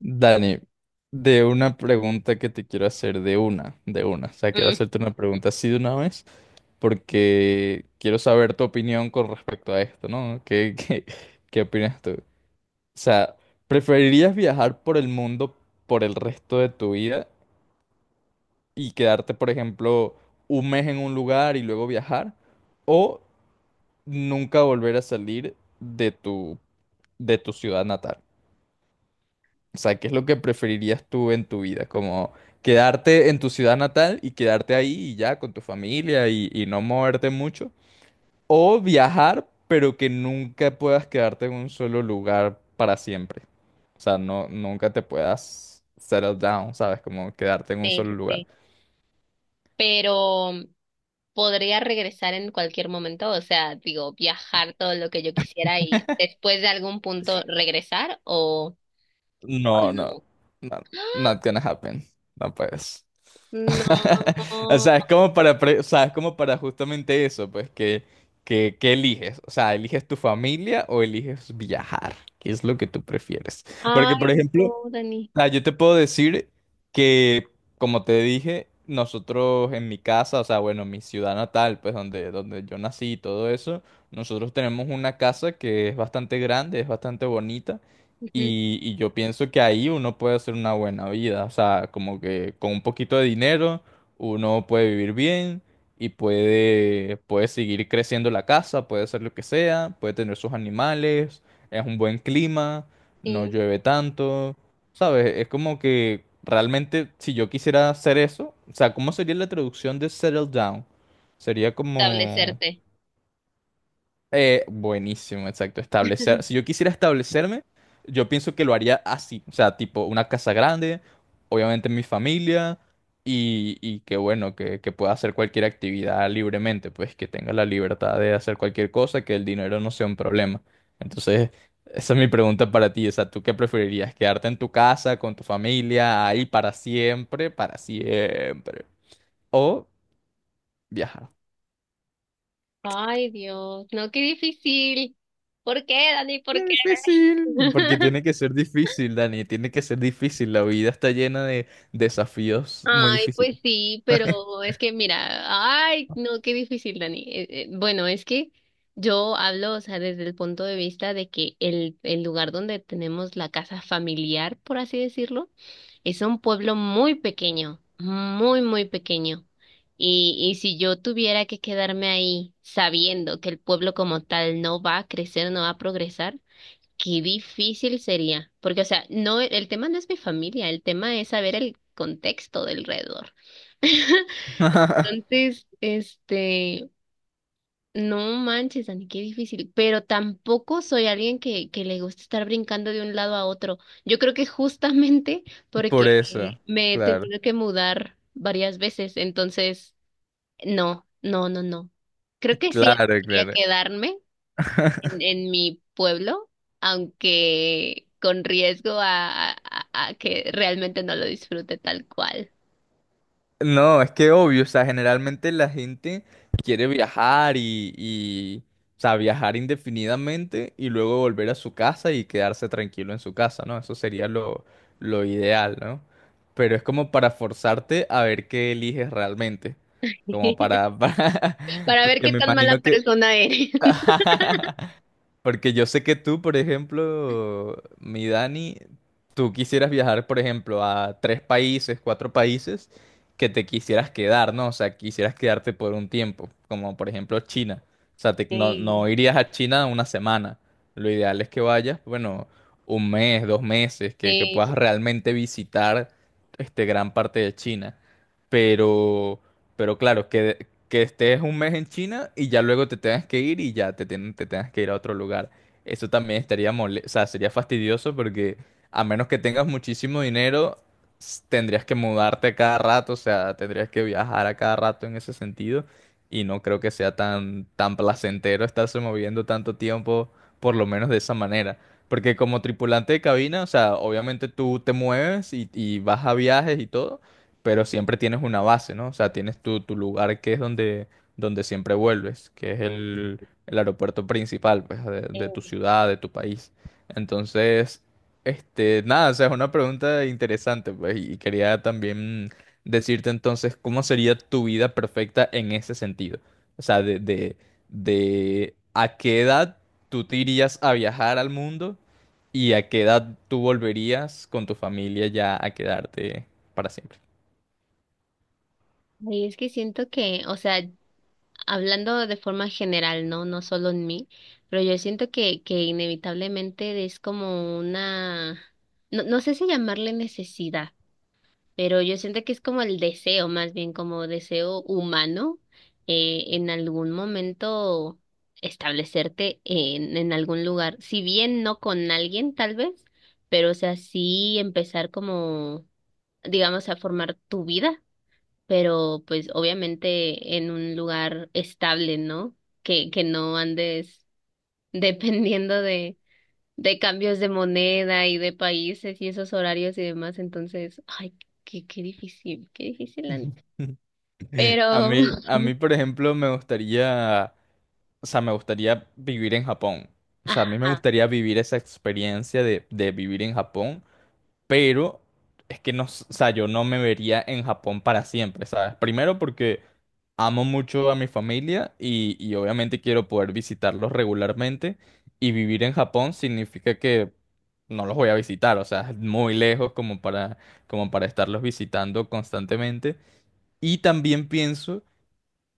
Dani, de una pregunta que te quiero hacer, de una, de una. O sea, quiero Mm, hacerte una pregunta así de una vez, porque quiero saber tu opinión con respecto a esto, ¿no? ¿Qué, qué, ¿Qué opinas tú? O sea, ¿preferirías viajar por el mundo por el resto de tu vida y quedarte, por ejemplo, un mes en un lugar y luego viajar? ¿O nunca volver a salir de tu ciudad natal? O sea, ¿qué es lo que preferirías tú en tu vida? Como quedarte en tu ciudad natal y quedarte ahí y ya con tu familia y no moverte mucho. O viajar, pero que nunca puedas quedarte en un solo lugar para siempre. O sea, no, nunca te puedas settle down, ¿sabes? Como quedarte en un sí, solo sí, lugar. sí. Pero podría regresar en cualquier momento, o sea, digo, viajar todo lo que yo quisiera y después de algún punto regresar o No, no, no. no, not ¡Ah! gonna happen. No puedes. No. O sea, es como o sea, es como para justamente eso, pues, que eliges. O sea, ¿eliges tu familia o eliges viajar? ¿Qué es lo que tú prefieres? Porque, Ay, por ejemplo, no, Dani. ah, yo te puedo decir que, como te dije, nosotros en mi casa, o sea, bueno, mi ciudad natal, pues donde yo nací y todo eso, nosotros tenemos una casa que es bastante grande, es bastante bonita, Ujú. y yo pienso que ahí uno puede hacer una buena vida, o sea, como que con un poquito de dinero uno puede vivir bien y puede seguir creciendo la casa, puede hacer lo que sea, puede tener sus animales, es un buen clima, no Sí, llueve tanto. ¿Sabes? Es como que realmente si yo quisiera hacer eso, o sea, ¿cómo sería la traducción de settle down? Sería como... establecerte. Buenísimo, exacto. Establecer. Si yo quisiera establecerme, yo pienso que lo haría así. O sea, tipo una casa grande, obviamente mi familia, y que bueno, que pueda hacer cualquier actividad libremente, pues que tenga la libertad de hacer cualquier cosa, que el dinero no sea un problema. Entonces, esa es mi pregunta para ti. O sea, ¿tú qué preferirías? ¿Quedarte en tu casa, con tu familia, ahí para siempre, para siempre? ¿O viajar? Ay, Dios, no, qué difícil. ¿Por qué, Dani? ¿Por qué? Es difícil, porque tiene que ser difícil, Dani, tiene que ser difícil. La vida está llena de desafíos muy Ay, difíciles. pues sí, pero es que mira, ay, no, qué difícil, Dani. Bueno, es que yo hablo, o sea, desde el punto de vista de que el lugar donde tenemos la casa familiar, por así decirlo, es un pueblo muy pequeño, muy, muy pequeño. Y si yo tuviera que quedarme ahí sabiendo que el pueblo como tal no va a crecer, no va a progresar, qué difícil sería, porque, o sea, no, el tema no es mi familia, el tema es saber el contexto del alrededor. Entonces, este, no manches, Dani, qué difícil, pero tampoco soy alguien que le gusta estar brincando de un lado a otro. Yo creo que justamente Por porque eso, me he claro, tenido que mudar varias veces, entonces, no, no, no, no. Creo que sí claro, quería claro. quedarme, en mi pueblo, aunque con riesgo a, a que realmente no lo disfrute tal cual. No, es que obvio, o sea, generalmente la gente quiere viajar o sea, viajar indefinidamente y luego volver a su casa y quedarse tranquilo en su casa, ¿no? Eso sería lo ideal, ¿no? Pero es como para forzarte a ver qué eliges realmente, como para, para- Para ver porque qué me tan imagino mala que... persona eres. Porque yo sé que tú, por ejemplo, mi Dani, tú quisieras viajar, por ejemplo, a tres países, cuatro países, que te quisieras quedar, ¿no? O sea, quisieras quedarte por un tiempo, como por ejemplo China. O sea, Sí, no irías a China una semana. Lo ideal es que vayas, bueno, un mes, dos meses, que sí, puedas realmente visitar este gran parte de China. Pero pero claro, que estés un mes en China y ya luego te tengas que ir y ya te tengas que ir a otro lugar. Eso también estaría mole, o sea, sería fastidioso porque a menos que tengas muchísimo dinero, tendrías que mudarte a cada rato, o sea, tendrías que viajar a cada rato en ese sentido. Y no creo que sea tan placentero estarse moviendo tanto tiempo, por lo menos de esa manera. Porque como tripulante de cabina, o sea, obviamente tú te mueves y vas a viajes y todo, pero siempre tienes una base, ¿no? O sea, tienes tu lugar que es donde, donde siempre vuelves, que es el aeropuerto principal, pues, de tu sí. ciudad, de tu país. Entonces, este, nada, o sea, es una pregunta interesante, pues, y quería también decirte entonces, ¿cómo sería tu vida perfecta en ese sentido? O sea, de a qué edad tú te irías a viajar al mundo y a qué edad tú volverías con tu familia ya a quedarte para siempre. Y es que siento que, o sea, hablando de forma general, ¿no? No solo en mí, pero yo siento que inevitablemente es como una, no, no sé si llamarle necesidad. Pero yo siento que es como el deseo, más bien como deseo humano, en algún momento establecerte en algún lugar, si bien no con alguien tal vez, pero o sea, sí empezar como, digamos, a formar tu vida, pero pues obviamente en un lugar estable, ¿no? Que no andes dependiendo de cambios de moneda y de países y esos horarios y demás, entonces, ay, qué, qué difícil, Ani. Pero, a mí, por ejemplo, me gustaría, o sea, me gustaría vivir en Japón. O sea, a mí me ajá, gustaría vivir esa experiencia de vivir en Japón, pero es que no, o sea, yo no me vería en Japón para siempre, ¿sabes? Primero porque amo mucho a mi familia y obviamente quiero poder visitarlos regularmente y vivir en Japón significa que no los voy a visitar, o sea, es muy lejos como para, como para estarlos visitando constantemente. Y también pienso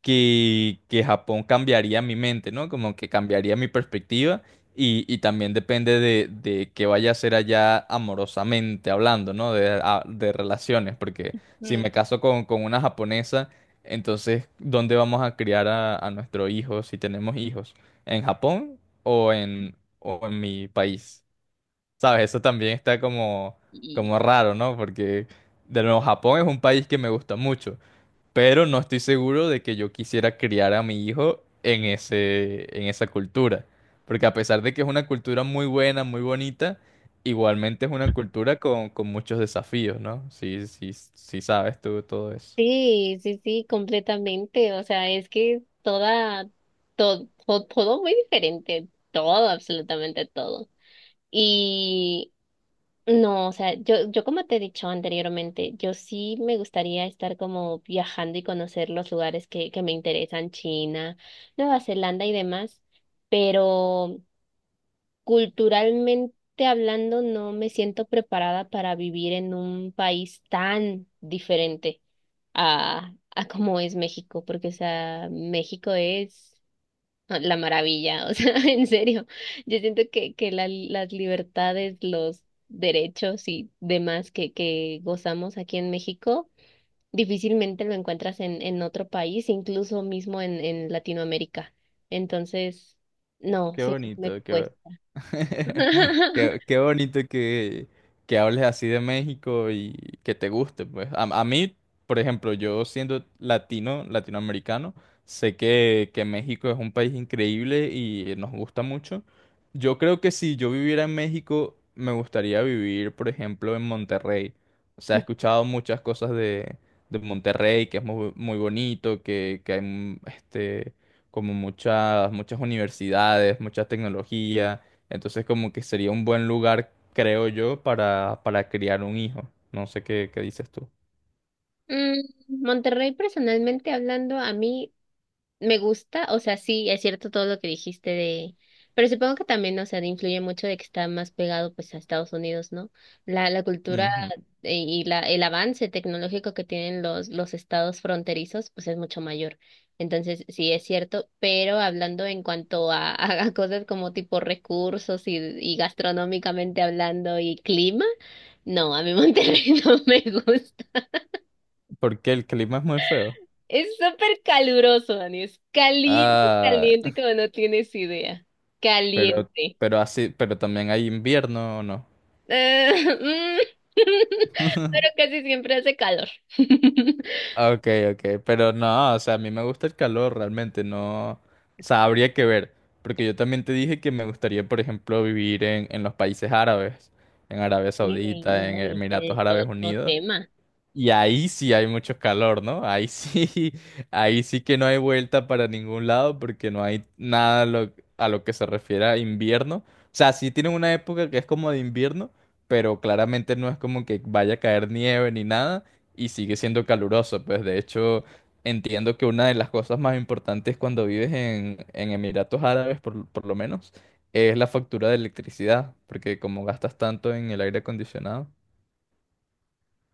que Japón cambiaría mi mente, ¿no? Como que cambiaría mi perspectiva y también depende de qué vaya a ser allá amorosamente hablando, ¿no? De relaciones, porque si mm, me caso con una japonesa, entonces, ¿dónde vamos a criar a nuestro hijo si tenemos hijos? ¿En Japón o en mi país? ¿Sabes? Eso también está como, y como raro, ¿no? Porque, de nuevo, Japón es un país que me gusta mucho, pero no estoy seguro de que yo quisiera criar a mi hijo en en esa cultura. Porque a pesar de que es una cultura muy buena, muy bonita, igualmente es una cultura con muchos desafíos, ¿no? Sí, sí, sí sabes tú todo eso. sí, sí, sí, completamente, o sea, es que toda, todo, todo muy diferente, todo, absolutamente todo. Y no, o sea, yo como te he dicho anteriormente, yo sí me gustaría estar como viajando y conocer los lugares que me interesan, China, Nueva Zelanda y demás, pero culturalmente hablando no me siento preparada para vivir en un país tan diferente a como es México, porque o sea, México es la maravilla, o sea, en serio, yo siento que las libertades, los derechos y demás que gozamos aquí en México, difícilmente lo encuentras en otro país, incluso mismo en Latinoamérica. Entonces, no, Qué sí, me bonito, qué... cuesta. Qué bonito que hables así de México y que te guste, pues. A mí, por ejemplo, yo siendo latino, latinoamericano, sé que México es un país increíble y nos gusta mucho. Yo creo que si yo viviera en México, me gustaría vivir, por ejemplo, en Monterrey. O sea, he escuchado muchas cosas de Monterrey, que es muy, muy bonito, que hay como muchas, muchas universidades, mucha tecnología, entonces como que sería un buen lugar, creo yo, para criar un hijo. No sé qué, qué dices tú. Mm, Monterrey, personalmente hablando, a mí me gusta, o sea, sí, es cierto todo lo que dijiste de, pero supongo que también, o sea, influye mucho de que está más pegado pues a Estados Unidos, ¿no? La cultura, Ujú. Y el avance tecnológico que tienen los estados fronterizos, pues es mucho mayor. Entonces, sí, es cierto, pero hablando en cuanto a, a cosas como tipo recursos y gastronómicamente hablando y clima, no, a mí Monterrey no me gusta. Porque el clima es muy feo. Es súper caluroso, Dani. Es caliente, Ah, caliente, como no tienes idea. pero, Caliente. pero así, pero también hay invierno, ¿o ¿no? Ah, mm, pero casi siempre hace calor. Ah, ok, ok, pero no, o sea, a mí me gusta el calor realmente, no, o sea, habría que ver, porque yo también te dije que me gustaría, por ejemplo, vivir en los países árabes, en Arabia Sí, Saudita, en no, y este Emiratos es Árabes otro Unidos. tema. Y ahí sí hay mucho calor, ¿no? Ahí sí, ahí sí que no hay vuelta para ningún lado porque no hay nada a a lo que se refiere a invierno. O sea, sí tienen una época que es como de invierno, pero claramente no es como que vaya a caer nieve ni nada y sigue siendo caluroso. Pues de hecho, entiendo que una de las cosas más importantes cuando vives en Emiratos Árabes, por lo menos, es la factura de electricidad, porque como gastas tanto en el aire acondicionado.